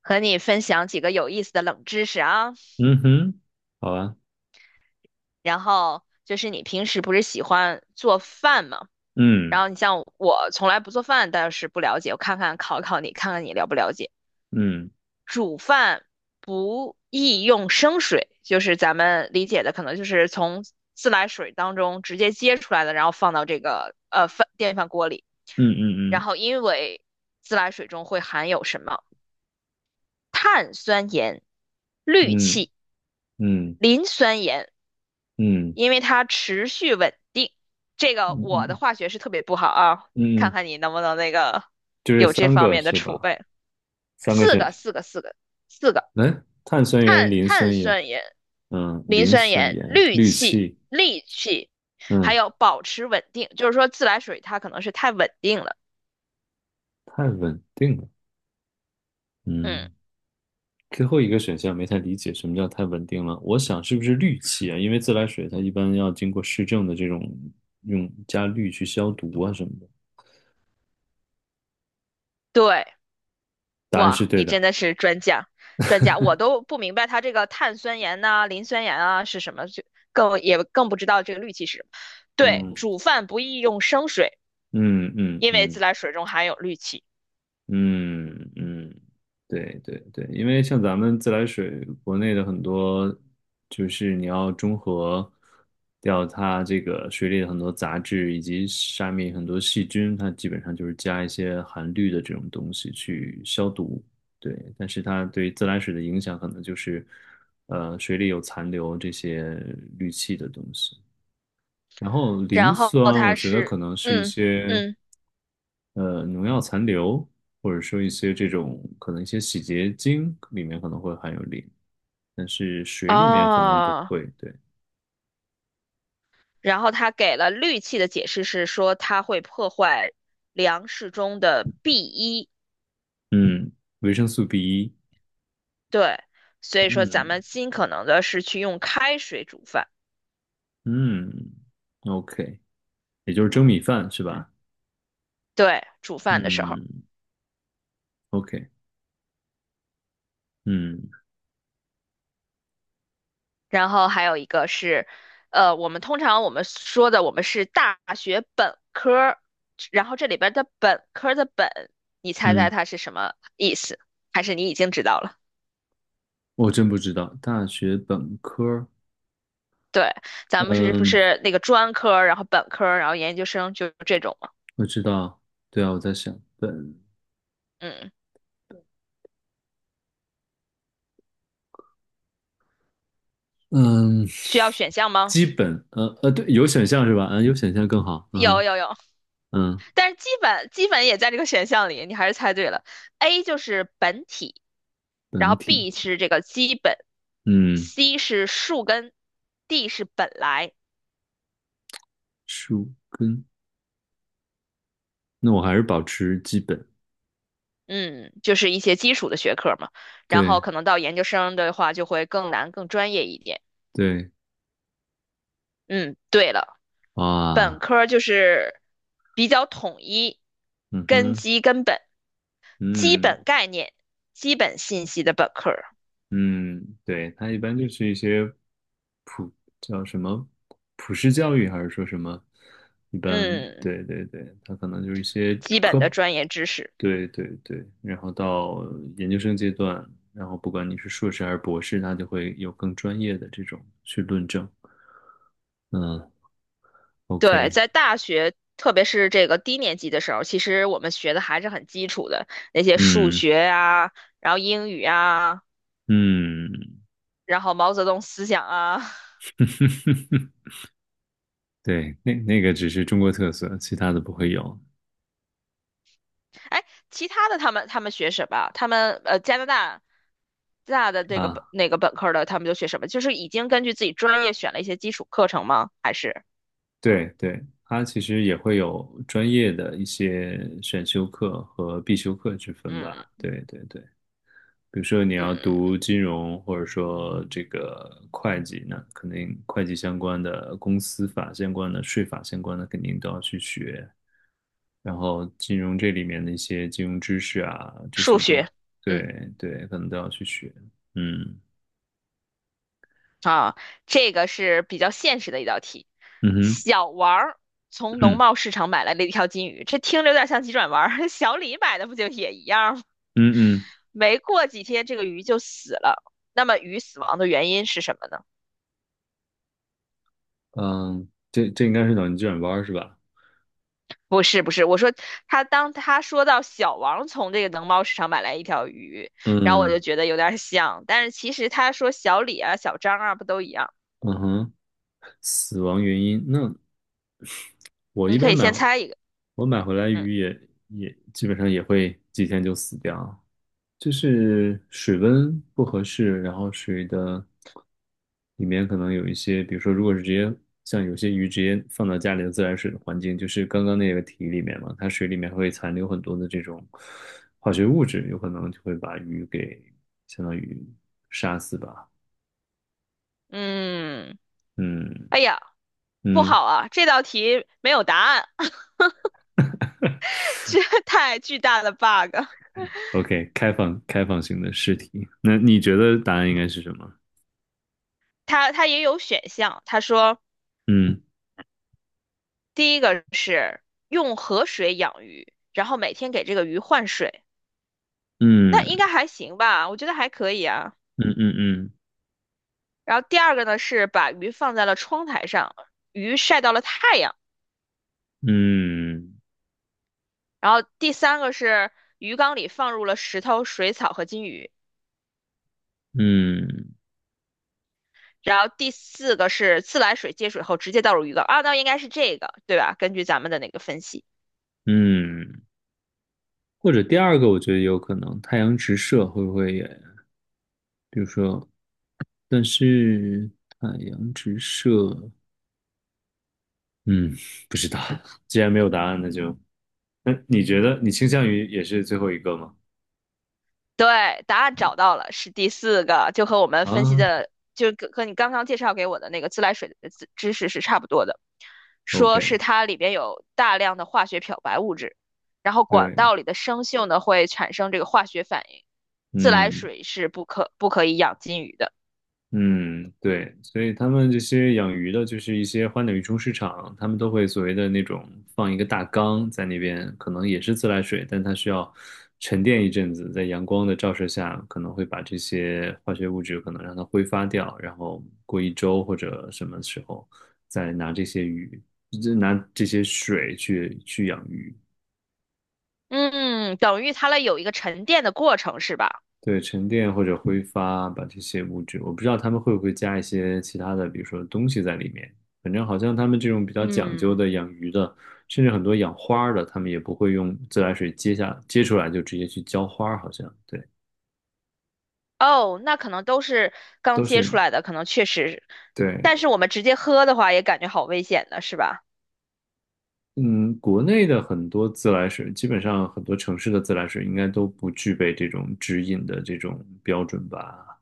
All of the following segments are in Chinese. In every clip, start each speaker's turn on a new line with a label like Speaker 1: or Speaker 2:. Speaker 1: 和你分享几个有意思的冷知识啊。
Speaker 2: 嗯哼，好啊，
Speaker 1: 然后就是你平时不是喜欢做饭吗？然
Speaker 2: 嗯
Speaker 1: 后你像我从来不做饭，但是不了解，我看看考考你，看看你了不了解。
Speaker 2: 嗯
Speaker 1: 煮饭不宜用生水，就是咱们理解的可能就是从自来水当中直接接出来的，然后放到这个电饭锅里。然
Speaker 2: 嗯
Speaker 1: 后因为自来水中会含有什么碳酸盐、氯
Speaker 2: 嗯
Speaker 1: 气、
Speaker 2: 嗯嗯嗯
Speaker 1: 磷酸盐。
Speaker 2: 嗯
Speaker 1: 因为它持续稳定。这个
Speaker 2: 嗯
Speaker 1: 我的
Speaker 2: 嗯
Speaker 1: 化学是特别不好啊，看
Speaker 2: 嗯，
Speaker 1: 看你能不能那个
Speaker 2: 就这
Speaker 1: 有这
Speaker 2: 三
Speaker 1: 方
Speaker 2: 个
Speaker 1: 面的
Speaker 2: 是
Speaker 1: 储
Speaker 2: 吧？
Speaker 1: 备。
Speaker 2: 三个
Speaker 1: 四
Speaker 2: 选
Speaker 1: 个，
Speaker 2: 项。
Speaker 1: 四个，四个，四个，
Speaker 2: 哎，碳酸盐、
Speaker 1: 碳
Speaker 2: 磷
Speaker 1: 碳
Speaker 2: 酸盐，
Speaker 1: 酸盐、磷
Speaker 2: 磷
Speaker 1: 酸
Speaker 2: 酸
Speaker 1: 盐、
Speaker 2: 盐、
Speaker 1: 氯
Speaker 2: 氯
Speaker 1: 气、
Speaker 2: 气。
Speaker 1: 氯气，还
Speaker 2: 嗯，
Speaker 1: 有保持稳定，就是说自来水它可能是太稳定了。
Speaker 2: 太稳定了。
Speaker 1: 嗯，
Speaker 2: 嗯，最后一个选项没太理解什么叫太稳定了，我想是不是氯气啊？因为自来水它一般要经过市政的这种用加氯去消毒啊什么的。
Speaker 1: 对。
Speaker 2: 答案是
Speaker 1: 哇，
Speaker 2: 对
Speaker 1: 你
Speaker 2: 的。
Speaker 1: 真的是专家，专家，我都不明白它这个碳酸盐呐、磷酸盐啊是什么，就更也更不知道这个氯气是什么。对，
Speaker 2: 嗯
Speaker 1: 煮饭不宜用生水，
Speaker 2: 嗯嗯
Speaker 1: 因为自
Speaker 2: 嗯
Speaker 1: 来水中含有氯气。
Speaker 2: 嗯嗯，对对对，因为像咱们自来水，国内的很多就是你要中和掉它这个水里的很多杂质以及下面很多细菌，它基本上就是加一些含氯的这种东西去消毒。对，但是它对于自来水的影响可能就是，水里有残留这些氯气的东西。然后磷
Speaker 1: 然后
Speaker 2: 酸，我
Speaker 1: 它
Speaker 2: 觉得可
Speaker 1: 是，
Speaker 2: 能是一
Speaker 1: 嗯
Speaker 2: 些
Speaker 1: 嗯
Speaker 2: 农药残留，或者说一些这种可能一些洗洁精里面可能会含有磷，但是水里面可能不
Speaker 1: 哦，
Speaker 2: 会。对。
Speaker 1: 然后它给了氯气的解释是说它会破坏粮食中的 b 一
Speaker 2: 嗯，维生素B1。
Speaker 1: 对，所以说咱们
Speaker 2: 嗯
Speaker 1: 尽可能的是去用开水煮饭，
Speaker 2: 嗯，OK，也就是蒸米饭是吧？
Speaker 1: 对，煮饭的时候。
Speaker 2: 嗯，OK。嗯
Speaker 1: 然后还有一个是，我们通常我们说的我们是大学本科儿，然后这里边儿的本科儿的本，你猜猜
Speaker 2: 嗯，
Speaker 1: 它是什么意思？还是你已经知道了？
Speaker 2: 我真不知道大学本科儿。
Speaker 1: 对，咱们是不
Speaker 2: 嗯，
Speaker 1: 是那个专科儿然后本科儿然后研究生，就这种嘛？
Speaker 2: 我知道。对啊，我在想本，
Speaker 1: 嗯，
Speaker 2: 嗯。
Speaker 1: 需要选项吗？
Speaker 2: 基本，对，有选项是吧？嗯，有选项更好。嗯
Speaker 1: 有
Speaker 2: 哼。
Speaker 1: 有有。
Speaker 2: 嗯。
Speaker 1: 但是基本也在这个选项里，你还是猜对了。A 就是本体，然
Speaker 2: 本
Speaker 1: 后
Speaker 2: 体。
Speaker 1: B 是这个基本
Speaker 2: 嗯。
Speaker 1: ，C 是树根，D 是本来。
Speaker 2: 树根。那我还是保持基本。
Speaker 1: 嗯，就是一些基础的学科嘛。然后
Speaker 2: 对
Speaker 1: 可能到研究生的话就会更难、更专业一点。
Speaker 2: 对。
Speaker 1: 嗯，对了，本
Speaker 2: 哇。
Speaker 1: 科就是比较统一，
Speaker 2: 嗯
Speaker 1: 根
Speaker 2: 哼。
Speaker 1: 基、根本、基
Speaker 2: 嗯
Speaker 1: 本概念、基本信息的本科儿。
Speaker 2: 嗯。对，它一般就是一些普叫什么普世教育，还是说什么？一般，
Speaker 1: 嗯，
Speaker 2: 对对对，它可能就是一些
Speaker 1: 基本的
Speaker 2: 科。
Speaker 1: 专业知识。
Speaker 2: 对对对，然后到研究生阶段，然后不管你是硕士还是博士，他就会有更专业的这种去论证。嗯，OK。
Speaker 1: 对，在大学，特别是这个低年级的时候，其实我们学的还是很基础的那些数
Speaker 2: 嗯
Speaker 1: 学呀、然后英语啊，
Speaker 2: 嗯。
Speaker 1: 然后毛泽东思想啊。
Speaker 2: 对，那那个只是中国特色，其他的不会有
Speaker 1: 哎，其他的他们学什么？他们加拿大的这个本
Speaker 2: 啊。
Speaker 1: 那个本科的，他们就学什么？就是已经根据自己专业选了一些基础课程吗？还是
Speaker 2: 对对，它其实也会有专业的一些选修课和必修课之分
Speaker 1: 嗯
Speaker 2: 吧。对对对。比如说你
Speaker 1: 嗯，
Speaker 2: 要读金融或者说这个会计，那肯定会计相关的、公司法相关的、税法相关的肯定都要去学。然后金融这里面的一些金融知识啊，这
Speaker 1: 数
Speaker 2: 些都
Speaker 1: 学，嗯。
Speaker 2: 对对，可能都要去学。嗯
Speaker 1: 啊，这个是比较现实的一道题。
Speaker 2: 嗯哼
Speaker 1: 小王儿从农
Speaker 2: 嗯
Speaker 1: 贸市场买来了一条金鱼，这听着有点像急转弯儿。小李买的不就也一样吗？
Speaker 2: 嗯嗯
Speaker 1: 没过几天，这个鱼就死了。那么鱼死亡的原因是什么呢？
Speaker 2: 嗯，这这应该是脑筋急转弯儿是吧？
Speaker 1: 不是，不是，我说他当他说到小王从这个农贸市场买来一条鱼，然后我就
Speaker 2: 嗯，
Speaker 1: 觉得有点像，但是其实他说小李啊、小张啊不都一样？
Speaker 2: 嗯哼。死亡原因那我
Speaker 1: 你
Speaker 2: 一
Speaker 1: 可
Speaker 2: 般
Speaker 1: 以
Speaker 2: 买，
Speaker 1: 先猜一个，
Speaker 2: 我买回来
Speaker 1: 嗯
Speaker 2: 鱼也也基本上也会几天就死掉，就是水温不合适，然后水的里面可能有一些，比如说如果是直接像有些鱼直接放到家里的自来水的环境，就是刚刚那个题里面嘛，它水里面会残留很多的这种化学物质，有可能就会把鱼给相当于杀死吧。
Speaker 1: 嗯，
Speaker 2: 嗯
Speaker 1: 哎呀，不
Speaker 2: 嗯
Speaker 1: 好啊，这道题没有答案。这 太巨大的 bug。
Speaker 2: ，OK，开放开放性的试题，那你觉得答案应该是什么？
Speaker 1: 它也有选项，他说
Speaker 2: 嗯。
Speaker 1: 第一个是用河水养鱼，然后每天给这个鱼换水，那应
Speaker 2: 嗯
Speaker 1: 该还行吧？我觉得还可以啊。
Speaker 2: 嗯嗯
Speaker 1: 然后第二个呢是把鱼放在了窗台上，鱼晒到了太阳。
Speaker 2: 嗯
Speaker 1: 然后第三个是鱼缸里放入了石头、水草和金鱼。
Speaker 2: 嗯嗯
Speaker 1: 然后第四个是自来水接水后直接倒入鱼缸啊，那应该是这个，对吧？根据咱们的那个分析。
Speaker 2: 嗯，或者第二个，我觉得有可能太阳直射会不会也，比如说，但是太阳直射，嗯，不知道，既然没有答案，那就，那你觉得你倾向于也是最后一个吗？
Speaker 1: 对，答案找到了，是第四个，就和我们分析
Speaker 2: 啊
Speaker 1: 的，就和你刚刚介绍给我的那个自来水的知识是差不多的。说是
Speaker 2: ，OK。
Speaker 1: 它里边有大量的化学漂白物质，然后管
Speaker 2: 对。
Speaker 1: 道里的生锈呢会产生这个化学反应。自来
Speaker 2: 嗯
Speaker 1: 水是不可以养金鱼的。
Speaker 2: 嗯。对，所以他们这些养鱼的，就是一些花鸟鱼虫市场，他们都会所谓的那种放一个大缸在那边，可能也是自来水，但它需要沉淀一阵子，在阳光的照射下，可能会把这些化学物质可能让它挥发掉，然后过一周或者什么时候再拿这些鱼，就拿这些水去去养鱼。
Speaker 1: 嗯，等于它了有一个沉淀的过程是吧？
Speaker 2: 对，沉淀或者挥发，把这些物质，我不知道他们会不会加一些其他的，比如说东西在里面。反正好像他们这种比较讲究
Speaker 1: 嗯，
Speaker 2: 的养鱼的，甚至很多养花儿的，他们也不会用自来水接下接出来就直接去浇花儿，好像对，
Speaker 1: 哦，那可能都是刚
Speaker 2: 都
Speaker 1: 接
Speaker 2: 是
Speaker 1: 出来的，可能确实，
Speaker 2: 对。
Speaker 1: 但是我们直接喝的话也感觉好危险的是吧？
Speaker 2: 嗯，国内的很多自来水，基本上很多城市的自来水应该都不具备这种直饮的这种标准吧。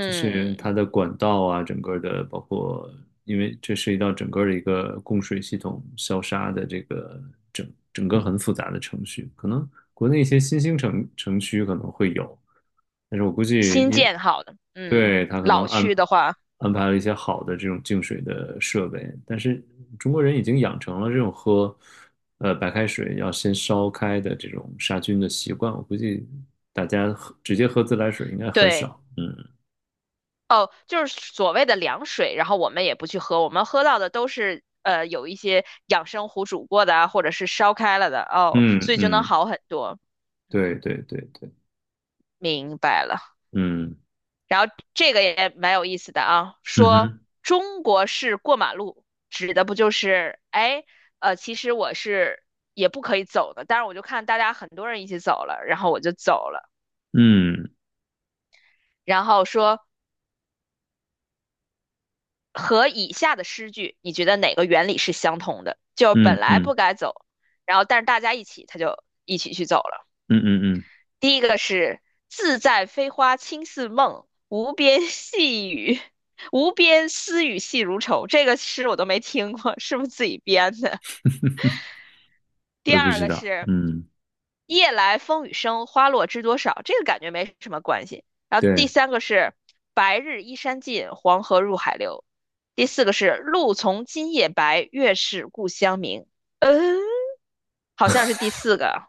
Speaker 2: 就是它的管道啊，整个的包括，因为这涉及到整个的一个供水系统消杀的这个整整个很复杂的程序，可能国内一些新兴城区可能会有，但是我估计
Speaker 1: 新
Speaker 2: 因
Speaker 1: 建好的，嗯，
Speaker 2: 对它可能
Speaker 1: 老区的话，
Speaker 2: 安排了一些好的这种净水的设备，但是中国人已经养成了这种喝白开水要先烧开的这种杀菌的习惯，我估计大家喝直接喝自来水应该很
Speaker 1: 对，
Speaker 2: 少。嗯。
Speaker 1: 哦，就是所谓的凉水，然后我们也不去喝，我们喝到的都是有一些养生壶煮过的啊，或者是烧开了的，哦，所
Speaker 2: 嗯
Speaker 1: 以就能
Speaker 2: 嗯，
Speaker 1: 好很多。嗯，
Speaker 2: 对对对对。
Speaker 1: 明白了，
Speaker 2: 嗯，
Speaker 1: 然后这个也蛮有意思的啊，
Speaker 2: 嗯
Speaker 1: 说
Speaker 2: 哼。
Speaker 1: 中国式过马路指的不就是哎其实我是也不可以走的，但是我就看大家很多人一起走了，然后我就走了。
Speaker 2: 嗯
Speaker 1: 然后说和以下的诗句，你觉得哪个原理是相同的？就本
Speaker 2: 嗯
Speaker 1: 来
Speaker 2: 嗯
Speaker 1: 不该走，然后但是大家一起，他就一起去走了。
Speaker 2: 嗯嗯
Speaker 1: 第一个是“自在飞花轻似梦，无边细雨，无边丝雨细如愁”，这个诗我都没听过，是不是自己编的？
Speaker 2: 嗯，我
Speaker 1: 第
Speaker 2: 也不
Speaker 1: 二
Speaker 2: 知
Speaker 1: 个
Speaker 2: 道，
Speaker 1: 是
Speaker 2: 嗯。
Speaker 1: 夜来风雨声，花落知多少，这个感觉没什么关系。然后第
Speaker 2: 对。
Speaker 1: 三个是白日依山尽，黄河入海流。第四个是露从今夜白，月是故乡明。嗯，好像是第四个。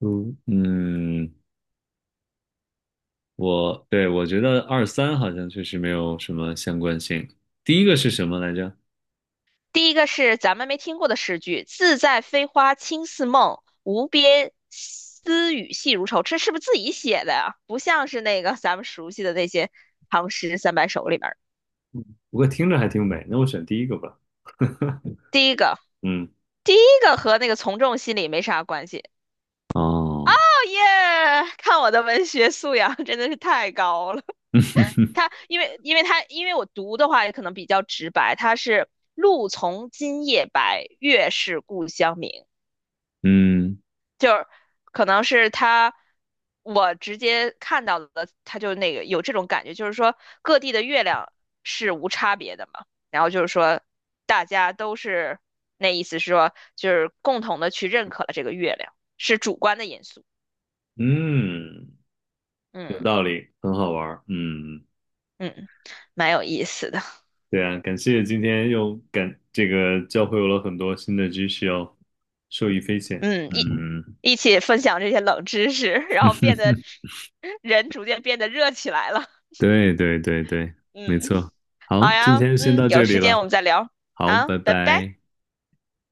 Speaker 2: 嗯嗯。我对我觉得二三好像确实没有什么相关性。第一个是什么来着？
Speaker 1: 第一个是咱们没听过的诗句：“自在飞花轻似梦，无边丝雨细如愁。”这是不是自己写的呀？不像是那个咱们熟悉的那些唐诗三百首里面
Speaker 2: 不过听着还挺美，那我选第一个吧。
Speaker 1: 第一个，
Speaker 2: 嗯。
Speaker 1: 第一个和那个从众心理没啥关系。
Speaker 2: 哦。
Speaker 1: 耶！看我的文学素养真的是太高了。他因为我读的话也可能比较直白，他是“路从今夜白，月是故乡明”，
Speaker 2: 嗯
Speaker 1: 可能是他我直接看到的，他就那个有这种感觉，就是说各地的月亮是无差别的嘛，然后就是说大家都是那意思是说就是共同的去认可了这个月亮，是主观的因素，
Speaker 2: 嗯。有
Speaker 1: 嗯
Speaker 2: 道理，很好玩儿，嗯。
Speaker 1: 嗯，蛮有意思的。
Speaker 2: 对啊，感谢今天又感这个教会我了很多新的知识哦，受益匪浅。
Speaker 1: 嗯，一
Speaker 2: 嗯。
Speaker 1: 一起分享这些冷知识，然后变得 人逐渐变得热起来了。
Speaker 2: 对对对对，没
Speaker 1: 嗯，
Speaker 2: 错。好，
Speaker 1: 好
Speaker 2: 今
Speaker 1: 呀，
Speaker 2: 天先
Speaker 1: 嗯，
Speaker 2: 到
Speaker 1: 有
Speaker 2: 这里
Speaker 1: 时间我
Speaker 2: 了。
Speaker 1: 们再聊
Speaker 2: 好，
Speaker 1: 啊，
Speaker 2: 拜
Speaker 1: 拜拜。
Speaker 2: 拜。